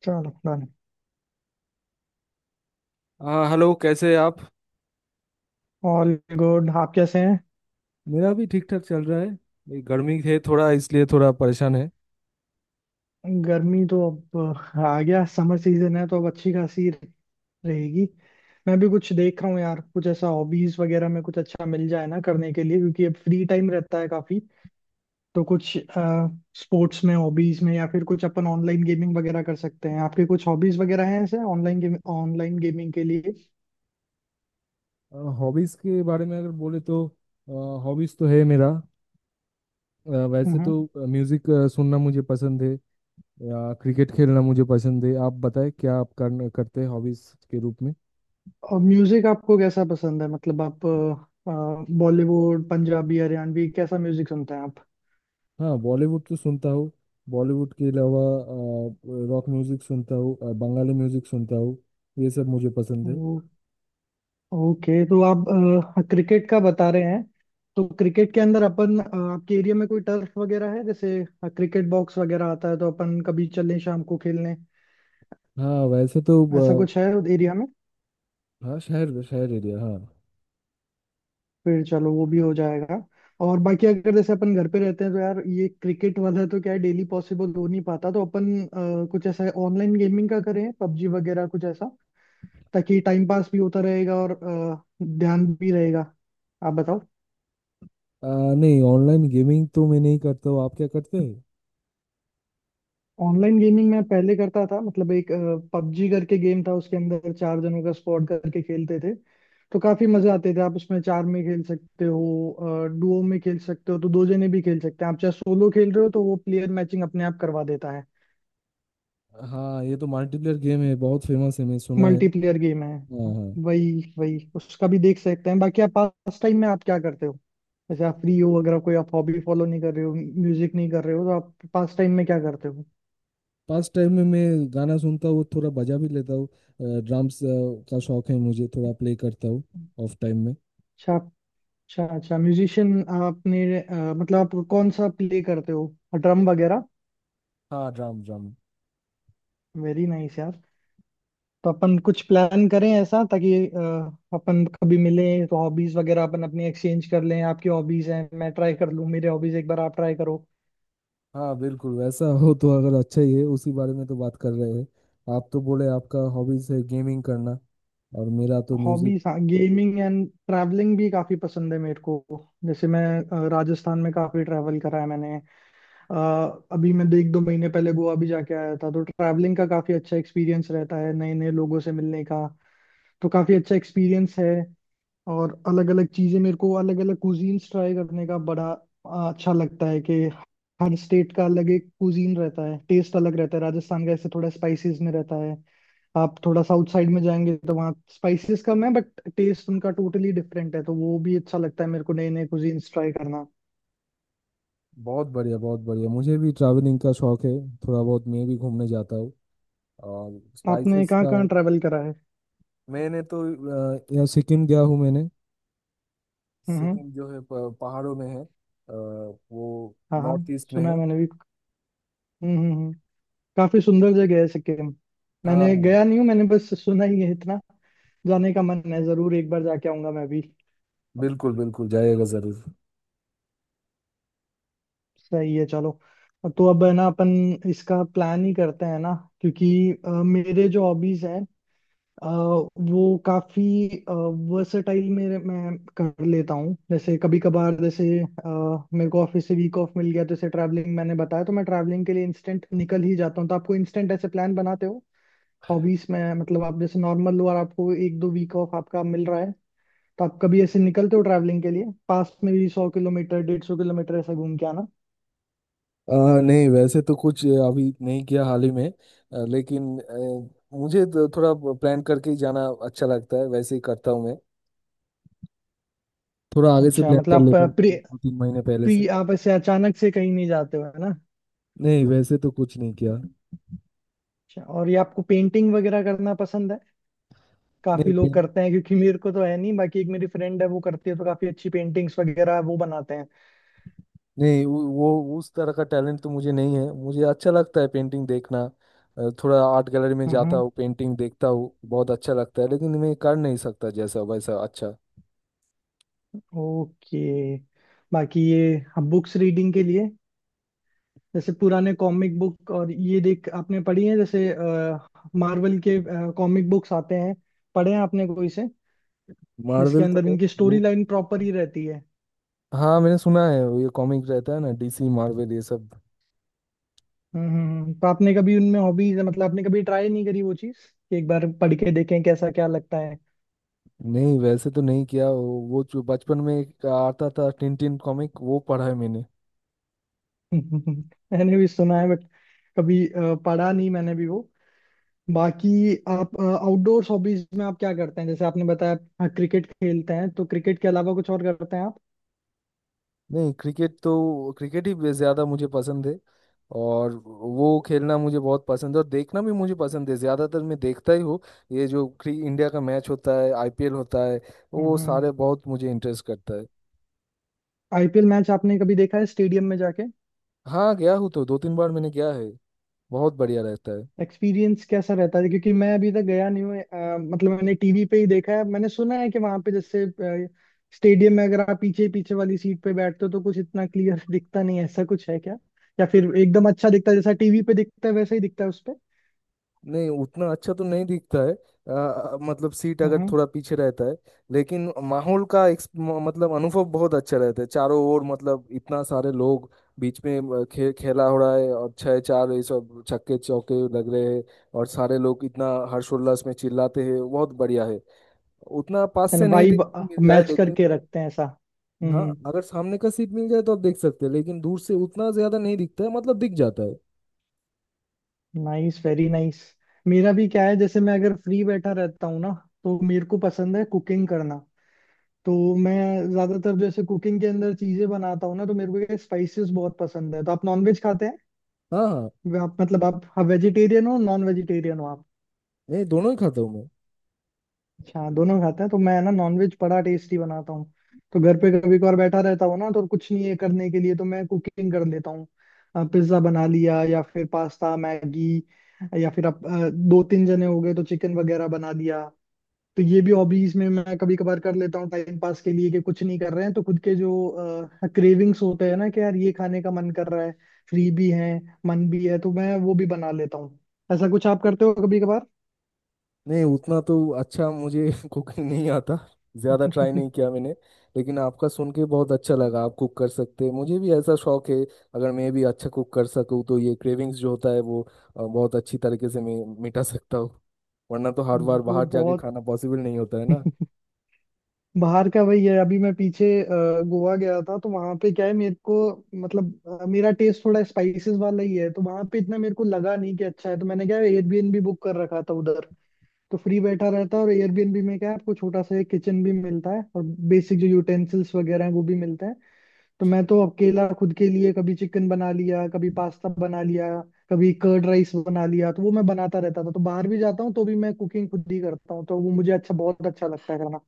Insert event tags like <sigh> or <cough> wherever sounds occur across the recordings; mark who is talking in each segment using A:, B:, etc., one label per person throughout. A: चलो, डन।
B: हाँ, हेलो, कैसे हैं आप?
A: All good. आप कैसे हैं?
B: मेरा भी ठीक ठाक चल रहा है। ये गर्मी है थोड़ा, इसलिए थोड़ा परेशान है।
A: गर्मी तो अब आ गया, समर सीजन है तो अब अच्छी खासी रहेगी। मैं भी कुछ देख रहा हूँ यार, कुछ ऐसा हॉबीज वगैरह में कुछ अच्छा मिल जाए ना करने के लिए, क्योंकि अब फ्री टाइम रहता है काफी। तो कुछ स्पोर्ट्स में, हॉबीज में, या फिर कुछ अपन ऑनलाइन गेमिंग वगैरह कर सकते हैं। आपके कुछ हॉबीज वगैरह हैं ऐसे ऑनलाइन गेमिंग के लिए?
B: हॉबीज़ के बारे में अगर बोले तो हॉबीज़ तो है मेरा वैसे
A: हम्म।
B: तो म्यूज़िक सुनना मुझे पसंद है, या क्रिकेट खेलना मुझे पसंद है। आप बताएं, क्या आप करते हैं हॉबीज़ के रूप में?
A: और म्यूजिक आपको कैसा पसंद है? मतलब आप बॉलीवुड, पंजाबी, हरियाणवी, कैसा म्यूजिक सुनते हैं आप?
B: हाँ, बॉलीवुड तो सुनता हूँ। बॉलीवुड के अलावा रॉक म्यूज़िक सुनता हूँ, बंगाली म्यूज़िक सुनता हूँ। ये सब मुझे पसंद है।
A: ओ, ओके। तो आप क्रिकेट का बता रहे हैं। तो क्रिकेट के अंदर अपन, आपके एरिया में कोई टर्फ वगैरह है? जैसे क्रिकेट बॉक्स वगैरह आता है, तो अपन कभी चलें शाम को खेलने।
B: हाँ वैसे
A: ऐसा
B: तो, अ,
A: कुछ है एरिया में?
B: हाँ शहर शहर एरिया, हाँ।
A: फिर चलो, वो भी हो जाएगा। और बाकी अगर जैसे अपन घर पे रहते हैं, तो यार ये क्रिकेट वाला तो क्या है, डेली पॉसिबल हो नहीं पाता। तो अपन कुछ ऐसा ऑनलाइन गेमिंग का करें, पबजी वगैरह कुछ ऐसा, ताकि टाइम पास भी होता रहेगा और ध्यान भी रहेगा। आप बताओ।
B: आ, नहीं, ऑनलाइन गेमिंग तो मैं नहीं करता हूँ। आप क्या करते हैं?
A: ऑनलाइन गेमिंग मैं पहले करता था, मतलब एक पबजी करके गेम था, उसके अंदर चार जनों का स्क्वाड करके खेलते थे। तो काफी मजे आते थे। आप उसमें चार में खेल सकते हो, डुओ में खेल सकते हो, तो दो जने भी खेल सकते हैं। आप चाहे सोलो खेल रहे हो, तो वो प्लेयर मैचिंग अपने आप करवा देता है।
B: हाँ, ये तो मल्टीप्लेयर गेम है, बहुत फेमस है, मैं सुना है।
A: मल्टीप्लेयर गेम है,
B: हाँ हाँ।
A: वही वही उसका भी देख सकते हैं। बाकी आप पास टाइम में आप क्या करते हो? जैसे आप फ्री हो, अगर आप कोई आप हॉबी फॉलो नहीं कर रहे हो, म्यूजिक नहीं कर रहे हो, तो आप पास टाइम में क्या करते हो?
B: पास टाइम में मैं गाना सुनता हूँ, थोड़ा बजा भी लेता हूँ। ड्रम्स का शौक है मुझे, थोड़ा प्ले करता हूँ ऑफ टाइम में।
A: अच्छा। अच्छा, अच्छा। म्यूजिशियन। आपने मतलब आप कौन सा प्ले करते हो? ड्रम वगैरह?
B: हाँ, ड्रम ड्रम।
A: वेरी नाइस यार। तो अपन कुछ प्लान करें ऐसा, ताकि अपन कभी मिलें तो हॉबीज वगैरह अपन अपनी एक्सचेंज कर लें। आपकी हॉबीज हैं, मैं ट्राई कर लूँ, मेरे हॉबीज एक बार आप ट्राई करो।
B: हाँ बिल्कुल, वैसा हो तो अगर अच्छा ही है, उसी बारे में तो बात कर रहे हैं। आप तो बोले आपका हॉबीज है गेमिंग करना, और मेरा तो म्यूजिक।
A: हॉबीज, हाँ, गेमिंग एंड ट्रैवलिंग भी काफी पसंद है मेरे को। जैसे मैं राजस्थान में काफी ट्रैवल करा है मैंने। अभी मैं देख 2 महीने पहले गोवा भी जाके आया था। तो ट्रैवलिंग का काफी अच्छा एक्सपीरियंस रहता है, नए नए लोगों से मिलने का, तो काफी अच्छा एक्सपीरियंस है। और अलग अलग चीजें, मेरे को अलग अलग कुजीन्स ट्राई करने का बड़ा अच्छा लगता है कि हर स्टेट का अलग एक कुजीन रहता है, टेस्ट अलग रहता है। राजस्थान का ऐसे थोड़ा स्पाइसेस में रहता है। आप थोड़ा साउथ साइड में जाएंगे तो वहाँ स्पाइसेस कम है, बट टेस्ट उनका टोटली डिफरेंट है। तो वो भी अच्छा लगता है मेरे को, नए नए कुजीन्स ट्राई करना।
B: बहुत बढ़िया, बहुत बढ़िया। मुझे भी ट्रैवलिंग का शौक है, थोड़ा बहुत मैं भी घूमने जाता हूँ। और
A: आपने
B: स्पाइसेस
A: कहाँ
B: का,
A: कहाँ ट्रैवल करा है?
B: मैंने तो यहाँ सिक्किम गया हूँ मैंने।
A: हम्म,
B: सिक्किम जो है पहाड़ों में है। वो
A: हाँ हाँ।
B: नॉर्थ ईस्ट में
A: सुना है
B: है।
A: मैंने भी। हम्म, हम्म, काफी सुंदर जगह है सिक्किम।
B: हाँ
A: मैंने
B: हाँ।
A: गया नहीं हूँ, मैंने बस सुना ही है इतना। जाने का मन है, जरूर एक बार जाके आऊंगा मैं भी।
B: बिल्कुल बिल्कुल, जाएगा जरूर।
A: सही है, चलो। तो अब है ना, अपन इसका प्लान ही करते हैं ना। क्योंकि मेरे जो हॉबीज हैं, वो काफी वर्सेटाइल मेरे मैं कर लेता हूँ। जैसे कभी कभार, जैसे मेरे को ऑफिस से वीक ऑफ मिल गया, तो जैसे ट्रैवलिंग मैंने बताया, तो मैं ट्रैवलिंग के लिए इंस्टेंट निकल ही जाता हूँ। तो आपको इंस्टेंट ऐसे प्लान बनाते हो हॉबीज में है? मतलब आप जैसे नॉर्मल, और आपको एक दो वीक ऑफ आपका मिल रहा है, तो आप कभी ऐसे निकलते हो ट्रैवलिंग के लिए पास में भी, 100 किलोमीटर, 150 किलोमीटर, ऐसा घूम के आना?
B: अ, नहीं वैसे तो कुछ अभी नहीं किया हाल ही में, लेकिन मुझे तो थोड़ा प्लान करके ही जाना अच्छा लगता है, वैसे ही करता हूँ मैं। थोड़ा आगे से
A: अच्छा,
B: प्लान
A: मतलब
B: कर
A: आप
B: लेता हूँ,
A: प्री
B: दो तीन महीने पहले से।
A: प्री आप ऐसे अचानक से कहीं नहीं जाते हो, है ना?
B: नहीं वैसे तो कुछ नहीं किया।
A: अच्छा। और ये आपको पेंटिंग वगैरह करना पसंद है? काफी लोग
B: नहीं,
A: करते हैं, क्योंकि मेरे को तो है नहीं। बाकी एक मेरी फ्रेंड है वो करती है, तो काफी अच्छी पेंटिंग्स वगैरह वो बनाते हैं।
B: नहीं, उस तरह का टैलेंट तो मुझे नहीं है। मुझे अच्छा लगता है पेंटिंग देखना। थोड़ा आर्ट गैलरी में जाता
A: हम्म।
B: हूँ, पेंटिंग देखता हूँ, बहुत अच्छा लगता है, लेकिन मैं कर नहीं सकता जैसा वैसा अच्छा।
A: ओके। बाकी ये बुक्स रीडिंग के लिए, जैसे पुराने कॉमिक बुक और ये देख आपने पढ़ी है? जैसे मार्वल के कॉमिक बुक्स आते हैं, पढ़े हैं आपने कोई से, जिसके
B: मार्वल तो
A: अंदर इनकी
B: नहीं
A: स्टोरी
B: मु-
A: लाइन प्रॉपर ही रहती है?
B: हाँ, मैंने सुना है, वो ये कॉमिक रहता है ना, डीसी मार्वल ये सब।
A: हम्म, तो आपने कभी उनमें हॉबीज, मतलब आपने कभी ट्राई नहीं करी वो चीज, कि एक बार पढ़ के देखें कैसा क्या लगता है?
B: नहीं वैसे तो नहीं किया। वो जो बचपन में एक आता था टिन टिन कॉमिक, वो पढ़ा है मैंने।
A: <laughs> मैंने भी सुना है, बट कभी पढ़ा नहीं मैंने भी वो। बाकी आप आउटडोर हॉबीज में आप क्या करते हैं? जैसे आपने बताया आप क्रिकेट खेलते हैं, तो क्रिकेट के अलावा कुछ और करते हैं आप?
B: नहीं, क्रिकेट तो क्रिकेट ही ज्यादा मुझे पसंद है। और वो खेलना मुझे बहुत पसंद है, और देखना भी मुझे पसंद है, ज्यादातर मैं देखता ही हूँ। ये जो इंडिया का मैच होता है, आईपीएल होता है,
A: हम्म,
B: वो
A: हम्म।
B: सारे बहुत मुझे इंटरेस्ट करता है।
A: आईपीएल मैच आपने कभी देखा है स्टेडियम में जाके?
B: हाँ गया हूँ, तो दो तीन बार मैंने गया है। बहुत बढ़िया रहता है।
A: एक्सपीरियंस कैसा रहता है? क्योंकि मैं अभी तक गया नहीं हूँ। मतलब मैंने टीवी पे ही देखा है। मैंने सुना है कि वहां पे जैसे स्टेडियम में अगर आप पीछे पीछे वाली सीट पे बैठते हो, तो कुछ इतना क्लियर <laughs> दिखता नहीं है। ऐसा कुछ है क्या? या फिर एकदम अच्छा दिखता है, जैसा टीवी पे दिखता है वैसा ही दिखता है उस पे?
B: नहीं, उतना अच्छा तो नहीं दिखता है। मतलब सीट अगर
A: हम्म।
B: थोड़ा पीछे रहता है। लेकिन माहौल का मतलब अनुभव बहुत अच्छा रहता है। चारों ओर मतलब इतना सारे लोग, बीच में खेला हो रहा है, और छह चार ये सब छक्के चौके लग रहे हैं, और सारे लोग इतना हर्षोल्लास में चिल्लाते हैं, बहुत बढ़िया है। उतना पास से
A: यानी
B: नहीं
A: वाइब
B: देखने को मिलता है
A: मैच
B: लेकिन।
A: करके रखते हैं ऐसा।
B: हाँ,
A: हम्म।
B: अगर सामने का सीट मिल जाए तो आप देख सकते हैं, लेकिन दूर से उतना ज्यादा नहीं दिखता है, मतलब दिख जाता है।
A: Nice, very nice. मेरा भी क्या है, जैसे मैं अगर फ्री बैठा रहता हूँ ना, तो मेरे को पसंद है कुकिंग करना। तो मैं ज्यादातर जैसे कुकिंग के अंदर चीजें बनाता हूँ ना, तो मेरे को स्पाइसेस बहुत पसंद है। तो आप नॉन वेज खाते हैं?
B: हाँ हाँ।
A: आप मतलब आप वेजिटेरियन हो, नॉन वेजिटेरियन हो आप?
B: नहीं, दोनों ही खाता हूँ मैं।
A: अच्छा, हाँ, दोनों खाते हैं। तो मैं ना, नॉन वेज बड़ा टेस्टी बनाता हूँ। तो घर पे कभी कभार बैठा रहता हूँ ना, तो कुछ नहीं है करने के लिए, तो मैं कुकिंग कर लेता हूँ। पिज्जा बना लिया, या फिर पास्ता, मैगी, या फिर आप दो तीन जने हो गए तो चिकन वगैरह बना लिया। तो ये भी हॉबीज में मैं कभी कभार कर लेता हूँ, टाइम पास के लिए, कि कुछ नहीं कर रहे हैं, तो खुद के जो क्रेविंग्स होते हैं ना, कि यार ये खाने का मन कर रहा है, फ्री भी है, मन भी है, तो मैं वो भी बना लेता हूँ। ऐसा कुछ आप करते हो कभी कभार?
B: नहीं, उतना तो अच्छा मुझे <laughs> कुकिंग नहीं आता। ज़्यादा ट्राई नहीं
A: <laughs>
B: किया मैंने। लेकिन आपका सुन के बहुत अच्छा लगा, आप कुक कर सकते हैं। मुझे भी ऐसा शौक है, अगर मैं भी अच्छा कुक कर सकूँ तो ये क्रेविंग्स जो होता है वो बहुत अच्छी तरीके से मैं मिटा सकता हूँ। वरना तो हर बार
A: वो
B: बाहर जाके
A: बहुत,
B: खाना पॉसिबल नहीं होता है ना।
A: बाहर का वही है। अभी मैं पीछे गोवा गया था, तो वहां पे क्या है मेरे को, मतलब मेरा टेस्ट थोड़ा स्पाइसेस वाला ही है, तो वहां पे इतना मेरे को लगा नहीं कि अच्छा है। तो मैंने क्या, एयरबीएनबी बुक कर रखा था उधर। तो फ्री बैठा रहता है, और एयरबीएनबी में क्या है, आपको छोटा सा एक किचन भी मिलता है, और बेसिक जो यूटेंसिल्स वगैरह हैं वो भी मिलते हैं। तो मैं तो अकेला खुद के लिए कभी चिकन बना लिया, कभी पास्ता बना लिया, कभी कर्ड राइस बना लिया, तो वो मैं बनाता रहता था। तो बाहर भी जाता हूँ तो भी मैं कुकिंग खुद ही करता हूँ, तो वो मुझे अच्छा, बहुत अच्छा लगता है करना।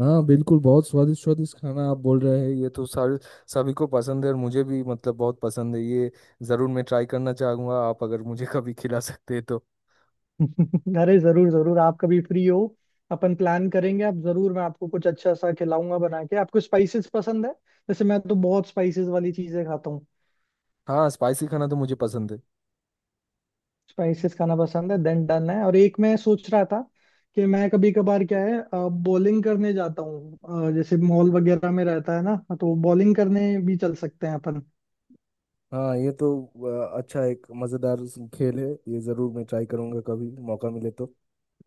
B: हाँ बिल्कुल, बहुत स्वादिष्ट स्वादिष्ट खाना आप बोल रहे हैं, ये तो सारे सभी को पसंद है, और मुझे भी, मतलब बहुत पसंद है ये। ज़रूर मैं ट्राई करना चाहूँगा, आप अगर मुझे कभी खिला सकते हैं तो।
A: <laughs> अरे, जरूर जरूर, आप कभी फ्री हो अपन प्लान करेंगे। आप जरूर, मैं आपको कुछ अच्छा सा खिलाऊंगा बना के। आपको स्पाइसेस पसंद है? जैसे मैं तो बहुत स्पाइसेस वाली चीजें खाता।
B: हाँ, स्पाइसी खाना तो मुझे पसंद है।
A: स्पाइसेस खाना पसंद है, देन डन है। और एक मैं सोच रहा था कि मैं कभी कभार क्या है, बॉलिंग करने जाता हूँ। जैसे मॉल वगैरह में रहता है ना, तो बॉलिंग करने भी चल सकते हैं अपन।
B: हाँ ये तो अच्छा एक मज़ेदार खेल है। ये ज़रूर मैं ट्राई करूँगा, कभी मौका मिले तो।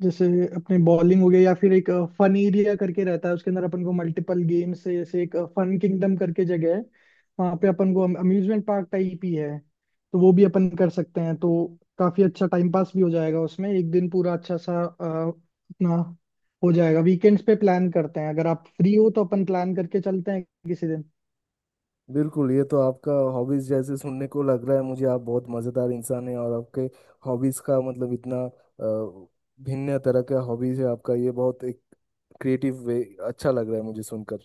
A: जैसे अपने बॉलिंग हो गया, या फिर एक फन एरिया करके रहता है, उसके अंदर अपन को मल्टीपल गेम्स है। जैसे एक फन किंगडम करके जगह है, वहाँ पे अपन को अम्यूजमेंट पार्क टाइप ही है, तो वो भी अपन कर सकते हैं। तो काफी अच्छा टाइम पास भी हो जाएगा उसमें, एक दिन पूरा अच्छा सा अपना हो जाएगा। वीकेंड्स पे प्लान करते हैं, अगर आप फ्री हो तो अपन प्लान करके चलते हैं किसी दिन।
B: बिल्कुल, ये तो आपका हॉबीज़ जैसे सुनने को लग रहा है मुझे, आप बहुत मज़ेदार इंसान हैं, और आपके हॉबीज़ का मतलब इतना भिन्न तरह का हॉबीज़ है आपका। ये बहुत एक क्रिएटिव वे, अच्छा लग रहा है मुझे सुनकर।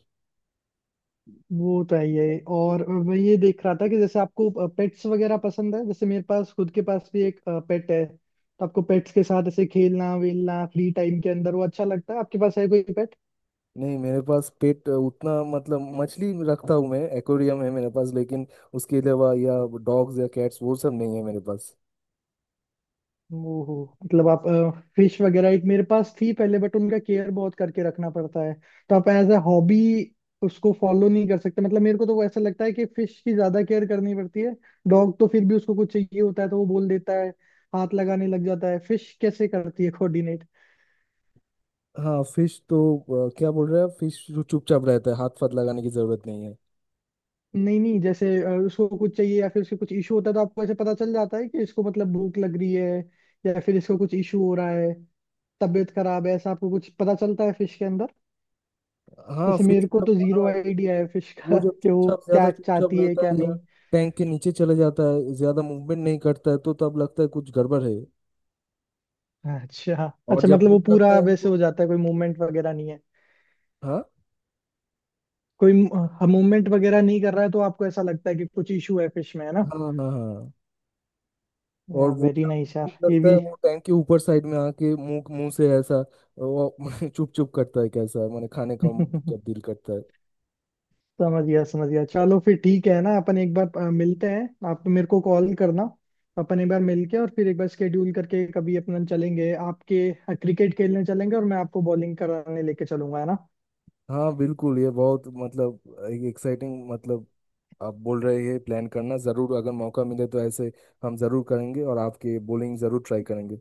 A: वो तो है ही है। और मैं ये देख रहा था कि जैसे आपको पेट्स वगैरह पसंद है, जैसे मेरे पास खुद के पास भी एक पेट है, तो आपको पेट्स के साथ ऐसे खेलना वेलना फ्री टाइम के अंदर, वो अच्छा लगता है? आपके पास है कोई पेट?
B: नहीं, मेरे पास पेट उतना, मतलब मछली रखता हूँ मैं, एक्वेरियम है मेरे पास, लेकिन उसके अलावा या डॉग्स या कैट्स वो सब नहीं है मेरे पास।
A: ओहो, मतलब आप फिश वगैरह, एक मेरे पास थी पहले, बट उनका केयर बहुत करके रखना पड़ता है। तो आप एज ए हॉबी उसको फॉलो नहीं कर सकते। मतलब मेरे को तो वो ऐसा लगता है कि फिश की ज्यादा केयर करनी पड़ती है। डॉग तो फिर भी उसको कुछ चाहिए होता है तो वो बोल देता है, हाथ लगाने लग जाता है। फिश कैसे करती है कोऑर्डिनेट?
B: हाँ फिश तो क्या बोल रहे हैं, फिश जो चुपचाप रहता है, हाथ पाथ लगाने की जरूरत नहीं है।
A: नहीं नहीं, जैसे उसको कुछ चाहिए या फिर उसको कुछ इशू होता है, तो आपको ऐसे पता चल जाता है कि इसको मतलब भूख लग रही है, या फिर इसको कुछ इशू हो रहा है, तबीयत खराब है, ऐसा आपको कुछ पता चलता है फिश के अंदर?
B: हाँ,
A: जैसे
B: फिश
A: मेरे को
B: का।
A: तो जीरो
B: हाँ,
A: आइडिया है फिश
B: वो
A: का <laughs>
B: जब
A: कि वो
B: चुपचाप,
A: क्या
B: ज्यादा चुपचाप
A: चाहती है
B: रहता
A: क्या
B: है, या
A: नहीं।
B: टैंक के नीचे चले जाता है, ज्यादा मूवमेंट नहीं करता है, तो तब लगता है कुछ गड़बड़ है।
A: अच्छा।
B: और
A: अच्छा,
B: जब
A: मतलब वो
B: भूख लगता
A: पूरा
B: है
A: वैसे
B: उनको,
A: हो जाता है, कोई मूवमेंट वगैरह नहीं है,
B: हाँ
A: कोई मूवमेंट वगैरह नहीं कर रहा है, तो आपको ऐसा लगता है कि कुछ इशू है फिश में, है ना?
B: हाँ हाँ हाँ हाँ। और
A: या
B: वो
A: वेरी
B: जब
A: नाइस
B: भूख
A: यार, ये
B: लगता है,
A: भी।
B: वो टैंक के ऊपर साइड में आके, मुंह मुंह से ऐसा वो <laughs> चुप चुप करता है, कैसा माने खाने का, जब
A: <laughs>
B: दिल करता है।
A: समझ गया, समझ गया। चलो फिर, ठीक है ना, अपन एक बार मिलते हैं, आप मेरे को कॉल करना। अपन एक बार मिलके, और फिर एक बार स्केड्यूल करके कभी अपन चलेंगे, आपके क्रिकेट खेलने चलेंगे और मैं आपको बॉलिंग कराने लेके चलूंगा, है ना?
B: हाँ बिल्कुल, ये बहुत मतलब एक्साइटिंग, मतलब आप बोल रहे हैं, प्लान करना ज़रूर, अगर मौका मिले तो ऐसे हम ज़रूर करेंगे, और आपके बॉलिंग ज़रूर ट्राई करेंगे।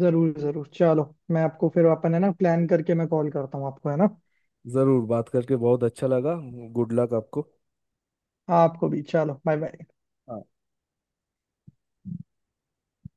A: जरूर जरूर, चलो। मैं आपको फिर अपन है ना, प्लान करके मैं कॉल करता हूँ आपको, है ना?
B: ज़रूर, बात करके बहुत अच्छा लगा। गुड लक आपको।
A: आपको भी। चलो, बाय बाय।